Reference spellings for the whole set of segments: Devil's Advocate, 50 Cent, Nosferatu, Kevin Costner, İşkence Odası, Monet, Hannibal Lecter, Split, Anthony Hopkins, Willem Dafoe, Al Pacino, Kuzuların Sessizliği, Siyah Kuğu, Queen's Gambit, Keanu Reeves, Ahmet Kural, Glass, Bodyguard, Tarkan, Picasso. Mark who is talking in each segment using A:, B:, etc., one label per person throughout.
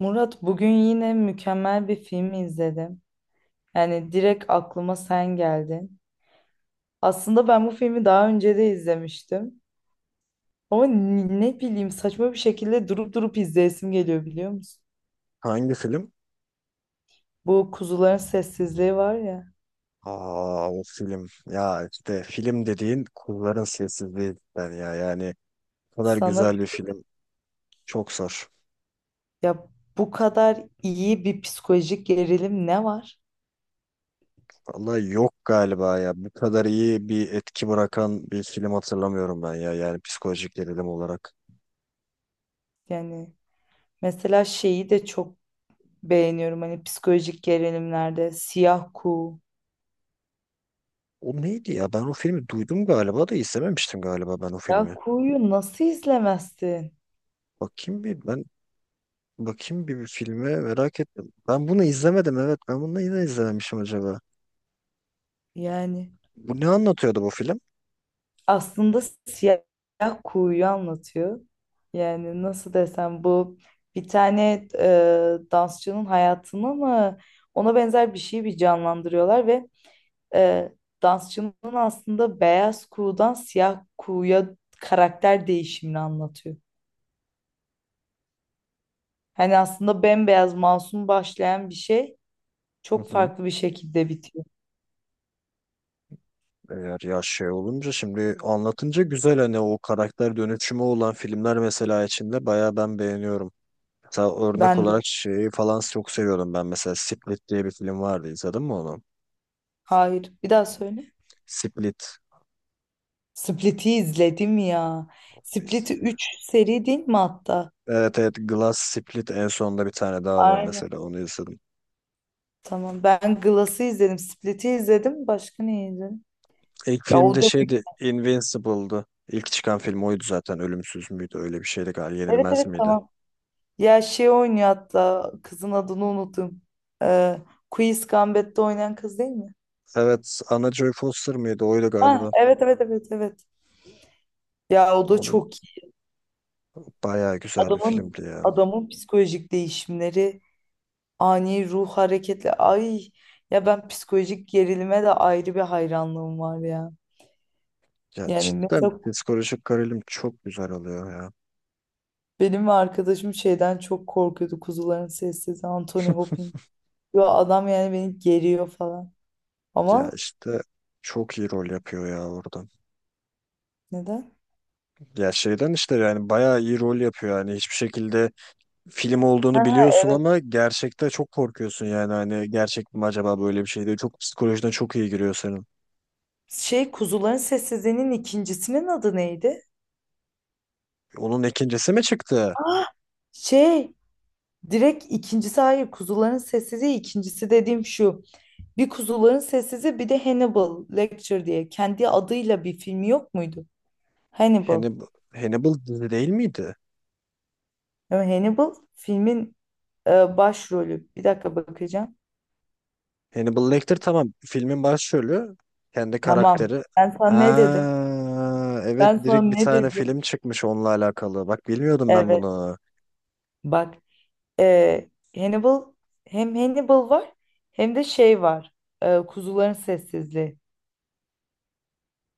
A: Murat, bugün yine mükemmel bir film izledim. Yani direkt aklıma sen geldin. Aslında ben bu filmi daha önce de izlemiştim. Ama ne bileyim, saçma bir şekilde durup durup izleyesim geliyor, biliyor musun?
B: Hangi film?
A: Bu Kuzuların Sessizliği var ya.
B: Aa, o film. Ya işte film dediğin kulların sessizliği cidden ya. Yani bu kadar
A: Sana
B: güzel
A: bir-
B: bir film. Çok zor.
A: ya, bu kadar iyi bir psikolojik gerilim ne var?
B: Vallahi yok galiba ya. Bu kadar iyi bir etki bırakan bir film hatırlamıyorum ben ya. Yani psikolojik gerilim olarak.
A: Yani mesela şeyi de çok beğeniyorum, hani psikolojik gerilimlerde Siyah Kuğu.
B: O neydi ya? Ben o filmi duydum galiba da izlememiştim galiba ben o
A: Ya
B: filmi.
A: Kuğu'yu nasıl izlemezsin?
B: Bakayım bir ben Bakayım bir filme merak ettim. Ben bunu izlemedim, evet. Ben bunu neden izlememişim acaba?
A: Yani
B: Bu ne anlatıyordu bu film?
A: aslında siyah kuğuyu anlatıyor. Yani nasıl desem, bu bir tane dansçının hayatını mı, ona benzer bir şeyi bir canlandırıyorlar ve e, dansçının aslında beyaz kuğudan siyah kuğuya karakter değişimini anlatıyor. Hani aslında bembeyaz masum başlayan bir şey
B: Hı
A: çok
B: hı.
A: farklı bir şekilde bitiyor.
B: Eğer ya şey olunca şimdi anlatınca güzel, hani o karakter dönüşümü olan filmler mesela içinde bayağı ben beğeniyorum. Mesela örnek
A: Ben de.
B: olarak şeyi falan çok seviyordum ben, mesela Split diye bir film vardı, izledin mi onu?
A: Hayır. Bir daha söyle.
B: Split.
A: Split'i izledim ya. Split'i 3 seri değil mi hatta?
B: Evet, evet, Glass, Split, en sonunda bir tane daha var
A: Aynen.
B: mesela, onu izledim.
A: Tamam. Ben Glass'ı izledim. Split'i izledim. Başka ne izledim?
B: İlk
A: Ya o
B: filmde
A: da mü-
B: şeydi, Invincible'dı. İlk çıkan film oydu zaten. Ölümsüz müydü? Öyle bir şeydi galiba.
A: evet,
B: Yenilmez
A: evet,
B: miydi?
A: tamam. Ya şey oynuyor hatta. Kızın adını unuttum. Ee, Queen's Gambit'te oynayan kız değil mi?
B: Evet. Anna Joy Foster mıydı? Oydu
A: Ha,
B: galiba.
A: evet, evet, evet, evet. Ya o da
B: Onun
A: çok iyi.
B: bayağı güzel bir
A: Adamın
B: filmdi ya.
A: Adamın psikolojik değişimleri, ani ruh hareketleri. Ay ya, ben psikolojik gerilime de ayrı bir hayranlığım var ya.
B: Ya
A: Yani
B: cidden
A: mesela
B: psikolojik gerilim çok güzel oluyor ya.
A: benim ve arkadaşım şeyden çok korkuyordu. Kuzuların Sessizliği, Anthony Hopkins. Yo, adam yani beni geriyor falan.
B: Ya
A: Ama
B: işte çok iyi rol yapıyor ya orada.
A: neden?
B: Ya şeyden işte, yani bayağı iyi rol yapıyor. Yani hiçbir şekilde film olduğunu
A: Ha,
B: biliyorsun
A: evet.
B: ama gerçekte çok korkuyorsun yani. Hani gerçek mi acaba böyle bir şey diye. Çok psikolojiden çok iyi giriyor senin.
A: Şey, Kuzuların Sessizliği'nin ikincisinin adı neydi?
B: Onun ikincisi mi çıktı?
A: Ah, şey, direkt ikincisi hayır, Kuzuların Sessizliği ikincisi dediğim şu. Bir Kuzuların Sessizliği, bir de Hannibal Lecter diye kendi adıyla bir filmi yok muydu? Hannibal.
B: Hannibal, Hannibal dizi değil miydi?
A: Ama Hannibal filmin başrolü. Bir dakika bakacağım.
B: Hannibal Lecter, tamam. Filmin başrolü. Kendi
A: Tamam.
B: karakteri.
A: Ben sana ne dedim?
B: Ha, evet,
A: Ben sana
B: direkt bir
A: ne
B: tane
A: dedim?
B: film çıkmış onunla alakalı. Bak, bilmiyordum ben
A: Evet.
B: bunu.
A: Bak, Ee, Hannibal, hem Hannibal var hem de şey var. Kuzuların Sessizliği.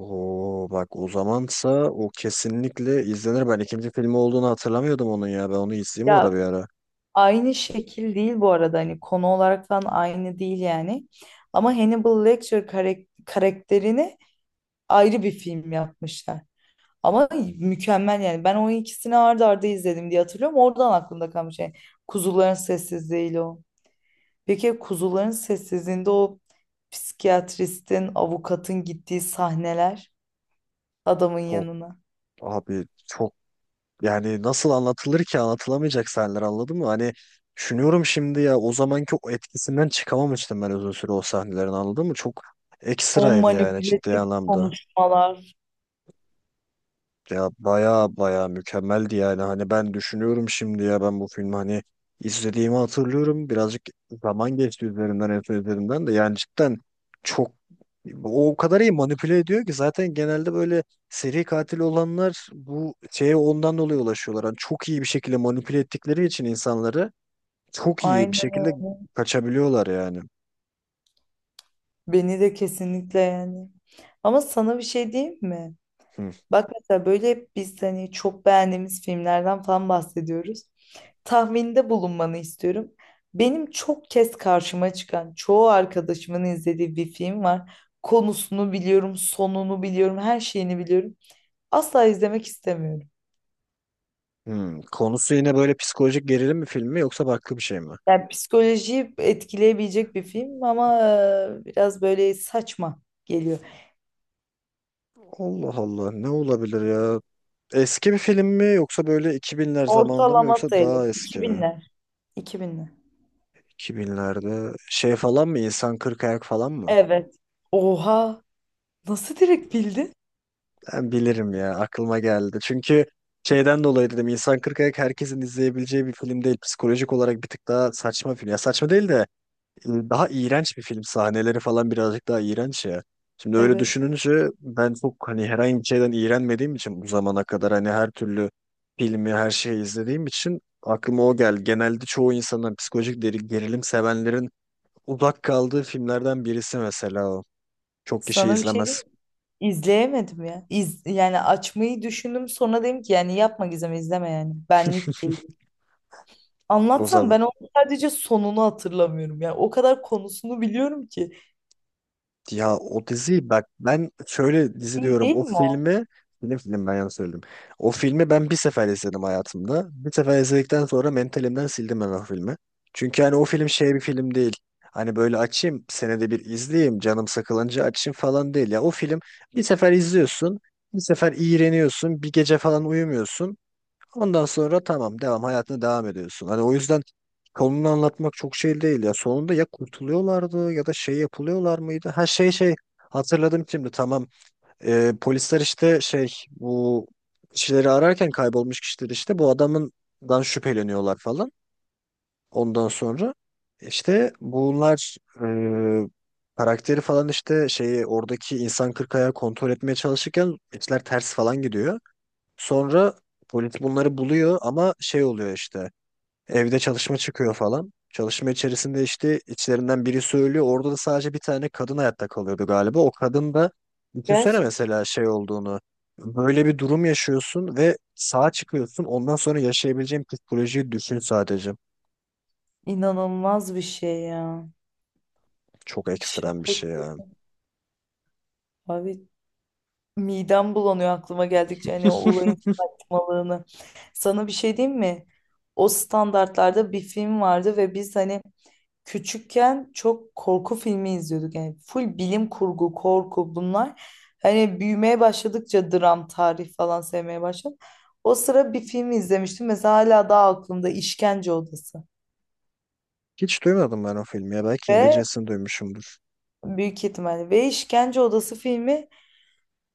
B: Oo, bak, o zamansa o kesinlikle izlenir. Ben ikinci filmi olduğunu hatırlamıyordum onun ya. Ben onu izleyeyim mi ora
A: Ya
B: bir ara.
A: aynı şekil değil bu arada, hani konu olarak falan aynı değil yani. Ama Hannibal Lecter karakterini ayrı bir film yapmışlar. Ama mükemmel yani. Ben o ikisini ardı arda izledim diye hatırlıyorum. Oradan aklımda kalmış yani. Kuzuların Sessizliği'yle o. Peki Kuzuların Sessizliği'nde o psikiyatristin, avukatın gittiği sahneler, adamın
B: Çok,
A: yanına.
B: abi, çok. Yani nasıl anlatılır ki, anlatılamayacak sahneler, anladın mı? Hani düşünüyorum şimdi ya, o zamanki o etkisinden çıkamamıştım ben uzun süre o sahnelerin, anladın mı? Çok
A: O
B: ekstraydı yani, ciddi
A: manipülatif
B: anlamda.
A: konuşmalar.
B: Ya baya baya mükemmeldi yani, hani ben düşünüyorum şimdi ya, ben bu filmi hani izlediğimi hatırlıyorum, birazcık zaman geçti üzerinden en son izlediğimden de, yani cidden çok o kadar iyi manipüle ediyor ki, zaten genelde böyle seri katil olanlar bu şeye ondan dolayı ulaşıyorlar, hani çok iyi bir şekilde manipüle ettikleri için insanları, çok iyi bir
A: Aynen.
B: şekilde kaçabiliyorlar yani.
A: Beni de kesinlikle yani. Ama sana bir şey diyeyim mi?
B: Hı
A: Bak, mesela böyle hep biz hani çok beğendiğimiz filmlerden falan bahsediyoruz. Tahminde bulunmanı istiyorum. Benim çok kez karşıma çıkan, çoğu arkadaşımın izlediği bir film var. Konusunu biliyorum, sonunu biliyorum, her şeyini biliyorum. Asla izlemek istemiyorum.
B: hı. Konusu yine böyle psikolojik gerilim mi filmi, yoksa farklı bir şey mi?
A: Yani psikolojiyi etkileyebilecek bir film ama biraz böyle saçma geliyor.
B: Allah Allah, ne olabilir ya? Eski bir film mi, yoksa böyle 2000'ler zamanında mı,
A: Ortalama
B: yoksa
A: sayılır.
B: daha eski
A: İki
B: mi?
A: binler. İki binler.
B: 2000'lerde şey falan mı, İnsan Kırk Ayak falan mı?
A: Evet. Oha! Nasıl direkt bildin?
B: Ben bilirim ya, aklıma geldi. Çünkü şeyden dolayı dedim, İnsan Kırk Ayak herkesin izleyebileceği bir film değil. Psikolojik olarak bir tık daha saçma film. Ya saçma değil de daha iğrenç bir film. Sahneleri falan birazcık daha iğrenç ya. Şimdi öyle
A: Evet.
B: düşününce, ben çok hani herhangi bir şeyden iğrenmediğim için bu zamana kadar, hani her türlü filmi, her şeyi izlediğim için aklıma o geldi. Genelde çoğu insanın, psikolojik gerilim sevenlerin uzak kaldığı filmlerden birisi mesela o. Çok kişi
A: Sana bir şey
B: izlemez.
A: diyeyim mi? İzleyemedim ya. Yani açmayı düşündüm, sonra dedim ki yani yapma Gizem, izleme yani. Benlik değil. Anlatsam
B: O,
A: ben onu, sadece sonunu hatırlamıyorum. Yani o kadar konusunu biliyorum ki.
B: ya o diziyi, bak ben şöyle dizi
A: İyi
B: diyorum,
A: değil
B: o
A: mi o?
B: filmi, film, film, ben yanlış söyledim. O filmi ben bir sefer izledim hayatımda. Bir sefer izledikten sonra mentalimden sildim ben o filmi. Çünkü hani o film şey bir film değil. Hani böyle açayım senede bir izleyeyim, canım sıkılınca açayım falan değil. Ya o film bir sefer izliyorsun, bir sefer iğreniyorsun, bir gece falan uyumuyorsun. Ondan sonra tamam, hayatına devam ediyorsun. Hani o yüzden konunu anlatmak çok şey değil ya. Sonunda ya kurtuluyorlardı, ya da şey yapılıyorlar mıydı? Ha şey hatırladım şimdi, tamam. Polisler işte şey, bu kişileri ararken, kaybolmuş kişileri işte, bu adamından şüpheleniyorlar falan. Ondan sonra işte bunlar karakteri falan, işte şeyi oradaki insan kırk ayağı kontrol etmeye çalışırken işler ters falan gidiyor. Sonra polis bunları buluyor ama şey oluyor işte. Evde çalışma çıkıyor falan. Çalışma içerisinde işte içlerinden biri söylüyor. Orada da sadece bir tane kadın hayatta kalıyordu galiba. O kadın da düşünsene
A: Gerçekten.
B: mesela şey olduğunu. Böyle bir durum yaşıyorsun ve sağ çıkıyorsun. Ondan sonra yaşayabileceğin psikolojiyi düşün sadece.
A: İnanılmaz bir şey ya.
B: Çok ekstrem bir
A: Şaka.
B: şey ya.
A: Abi, midem bulanıyor aklıma geldikçe hani o olayın saçmalığını. Sana bir şey diyeyim mi? O standartlarda bir film vardı ve biz hani küçükken çok korku filmi izliyorduk. Yani full bilim kurgu, korku bunlar. Hani büyümeye başladıkça dram, tarih falan sevmeye başladım. O sıra bir film izlemiştim. Mesela hala daha aklımda İşkence Odası.
B: Hiç duymadım ben o filmi ya. Belki
A: Ve
B: İngilizcesini duymuşumdur.
A: büyük ihtimalle ve İşkence Odası filmi,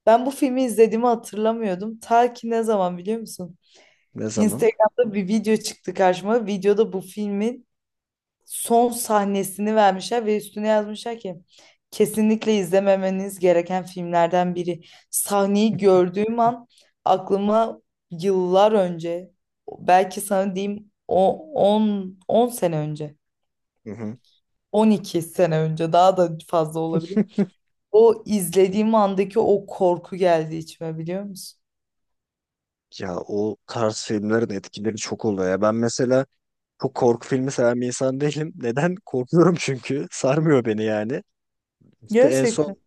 A: ben bu filmi izlediğimi hatırlamıyordum. Ta ki ne zaman biliyor musun?
B: Ne zaman?
A: Instagram'da bir video çıktı karşıma. Videoda bu filmin son sahnesini vermişler ve üstüne yazmışlar ki kesinlikle izlememeniz gereken filmlerden biri. Sahneyi gördüğüm an aklıma yıllar önce, belki sana diyeyim, o 10 10 sene önce,
B: Hı hı.
A: 12 sene önce, daha da fazla olabilir. O izlediğim andaki o korku geldi içime, biliyor musun?
B: Ya o tarz filmlerin etkileri çok oluyor ya. Ben mesela çok korku filmi seven bir insan değilim. Neden? Korkuyorum çünkü. Sarmıyor beni yani. İşte en
A: Gerçekten.
B: son.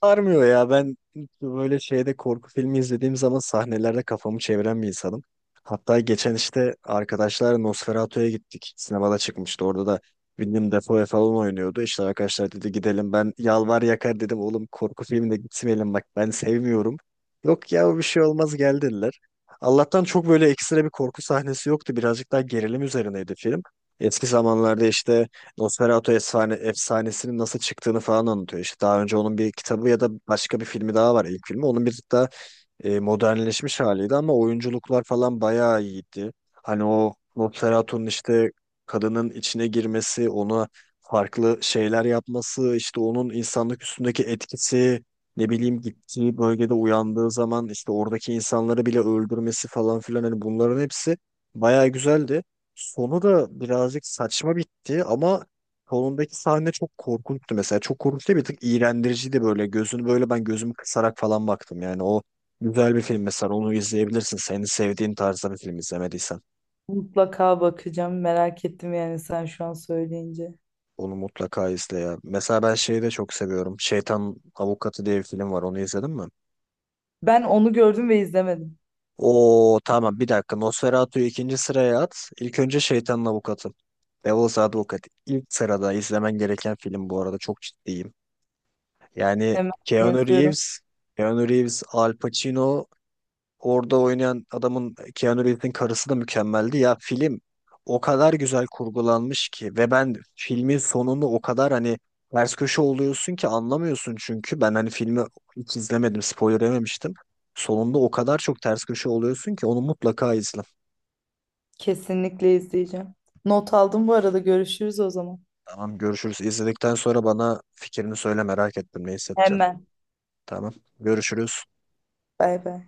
B: Sarmıyor ya, ben böyle şeyde korku filmi izlediğim zaman sahnelerde kafamı çeviren bir insanım. Hatta geçen işte arkadaşlar Nosferatu'ya gittik. Sinemada çıkmıştı. Orada da Willem Dafoe falan oynuyordu. İşte arkadaşlar dedi gidelim. Ben yalvar yakar dedim, oğlum korku filmine gitmeyelim, bak ben sevmiyorum. Yok ya, bir şey olmaz, gel dediler. Allah'tan çok böyle ekstra bir korku sahnesi yoktu. Birazcık daha gerilim üzerineydi film. Eski zamanlarda işte Nosferatu efsanesinin nasıl çıktığını falan anlatıyor. İşte daha önce onun bir kitabı ya da başka bir filmi daha var, ilk filmi. Onun bir de modernleşmiş haliydi, ama oyunculuklar falan bayağı iyiydi. Hani o Nosferatu'nun işte kadının içine girmesi, ona farklı şeyler yapması, işte onun insanlık üstündeki etkisi, ne bileyim gittiği bölgede uyandığı zaman işte oradaki insanları bile öldürmesi falan filan, hani bunların hepsi bayağı güzeldi. Sonu da birazcık saçma bitti ama sonundaki sahne çok korkunçtu mesela. Çok korkunç değil, bir tık iğrendiriciydi böyle. Gözünü böyle, ben gözümü kısarak falan baktım yani. O, güzel bir film mesela, onu izleyebilirsin. Senin sevdiğin tarzda bir film izlemediysen.
A: Mutlaka bakacağım. Merak ettim yani sen şu an söyleyince.
B: Onu mutlaka izle ya. Mesela ben şeyi de çok seviyorum. Şeytan Avukatı diye bir film var. Onu izledin mi?
A: Ben onu gördüm ve izlemedim.
B: Oo tamam, bir dakika. Nosferatu'yu ikinci sıraya at. İlk önce Şeytanın Avukatı. Devil's Advocate. İlk sırada izlemen gereken film bu arada. Çok ciddiyim. Yani
A: Hemen
B: Keanu
A: yazıyorum.
B: Reeves, Keanu Reeves, Al Pacino. Orada oynayan adamın, Keanu Reeves'in karısı da mükemmeldi. Ya film o kadar güzel kurgulanmış ki, ve ben filmin sonunu o kadar hani ters köşe oluyorsun ki anlamıyorsun, çünkü ben hani filmi hiç izlemedim, spoiler yememiştim. Sonunda o kadar çok ters köşe oluyorsun ki, onu mutlaka izle.
A: Kesinlikle izleyeceğim. Not aldım bu arada. Görüşürüz o zaman.
B: Tamam, görüşürüz. İzledikten sonra bana fikrini söyle, merak ettim ne hissedeceksin.
A: Hemen.
B: Tamam, görüşürüz.
A: Bay bay.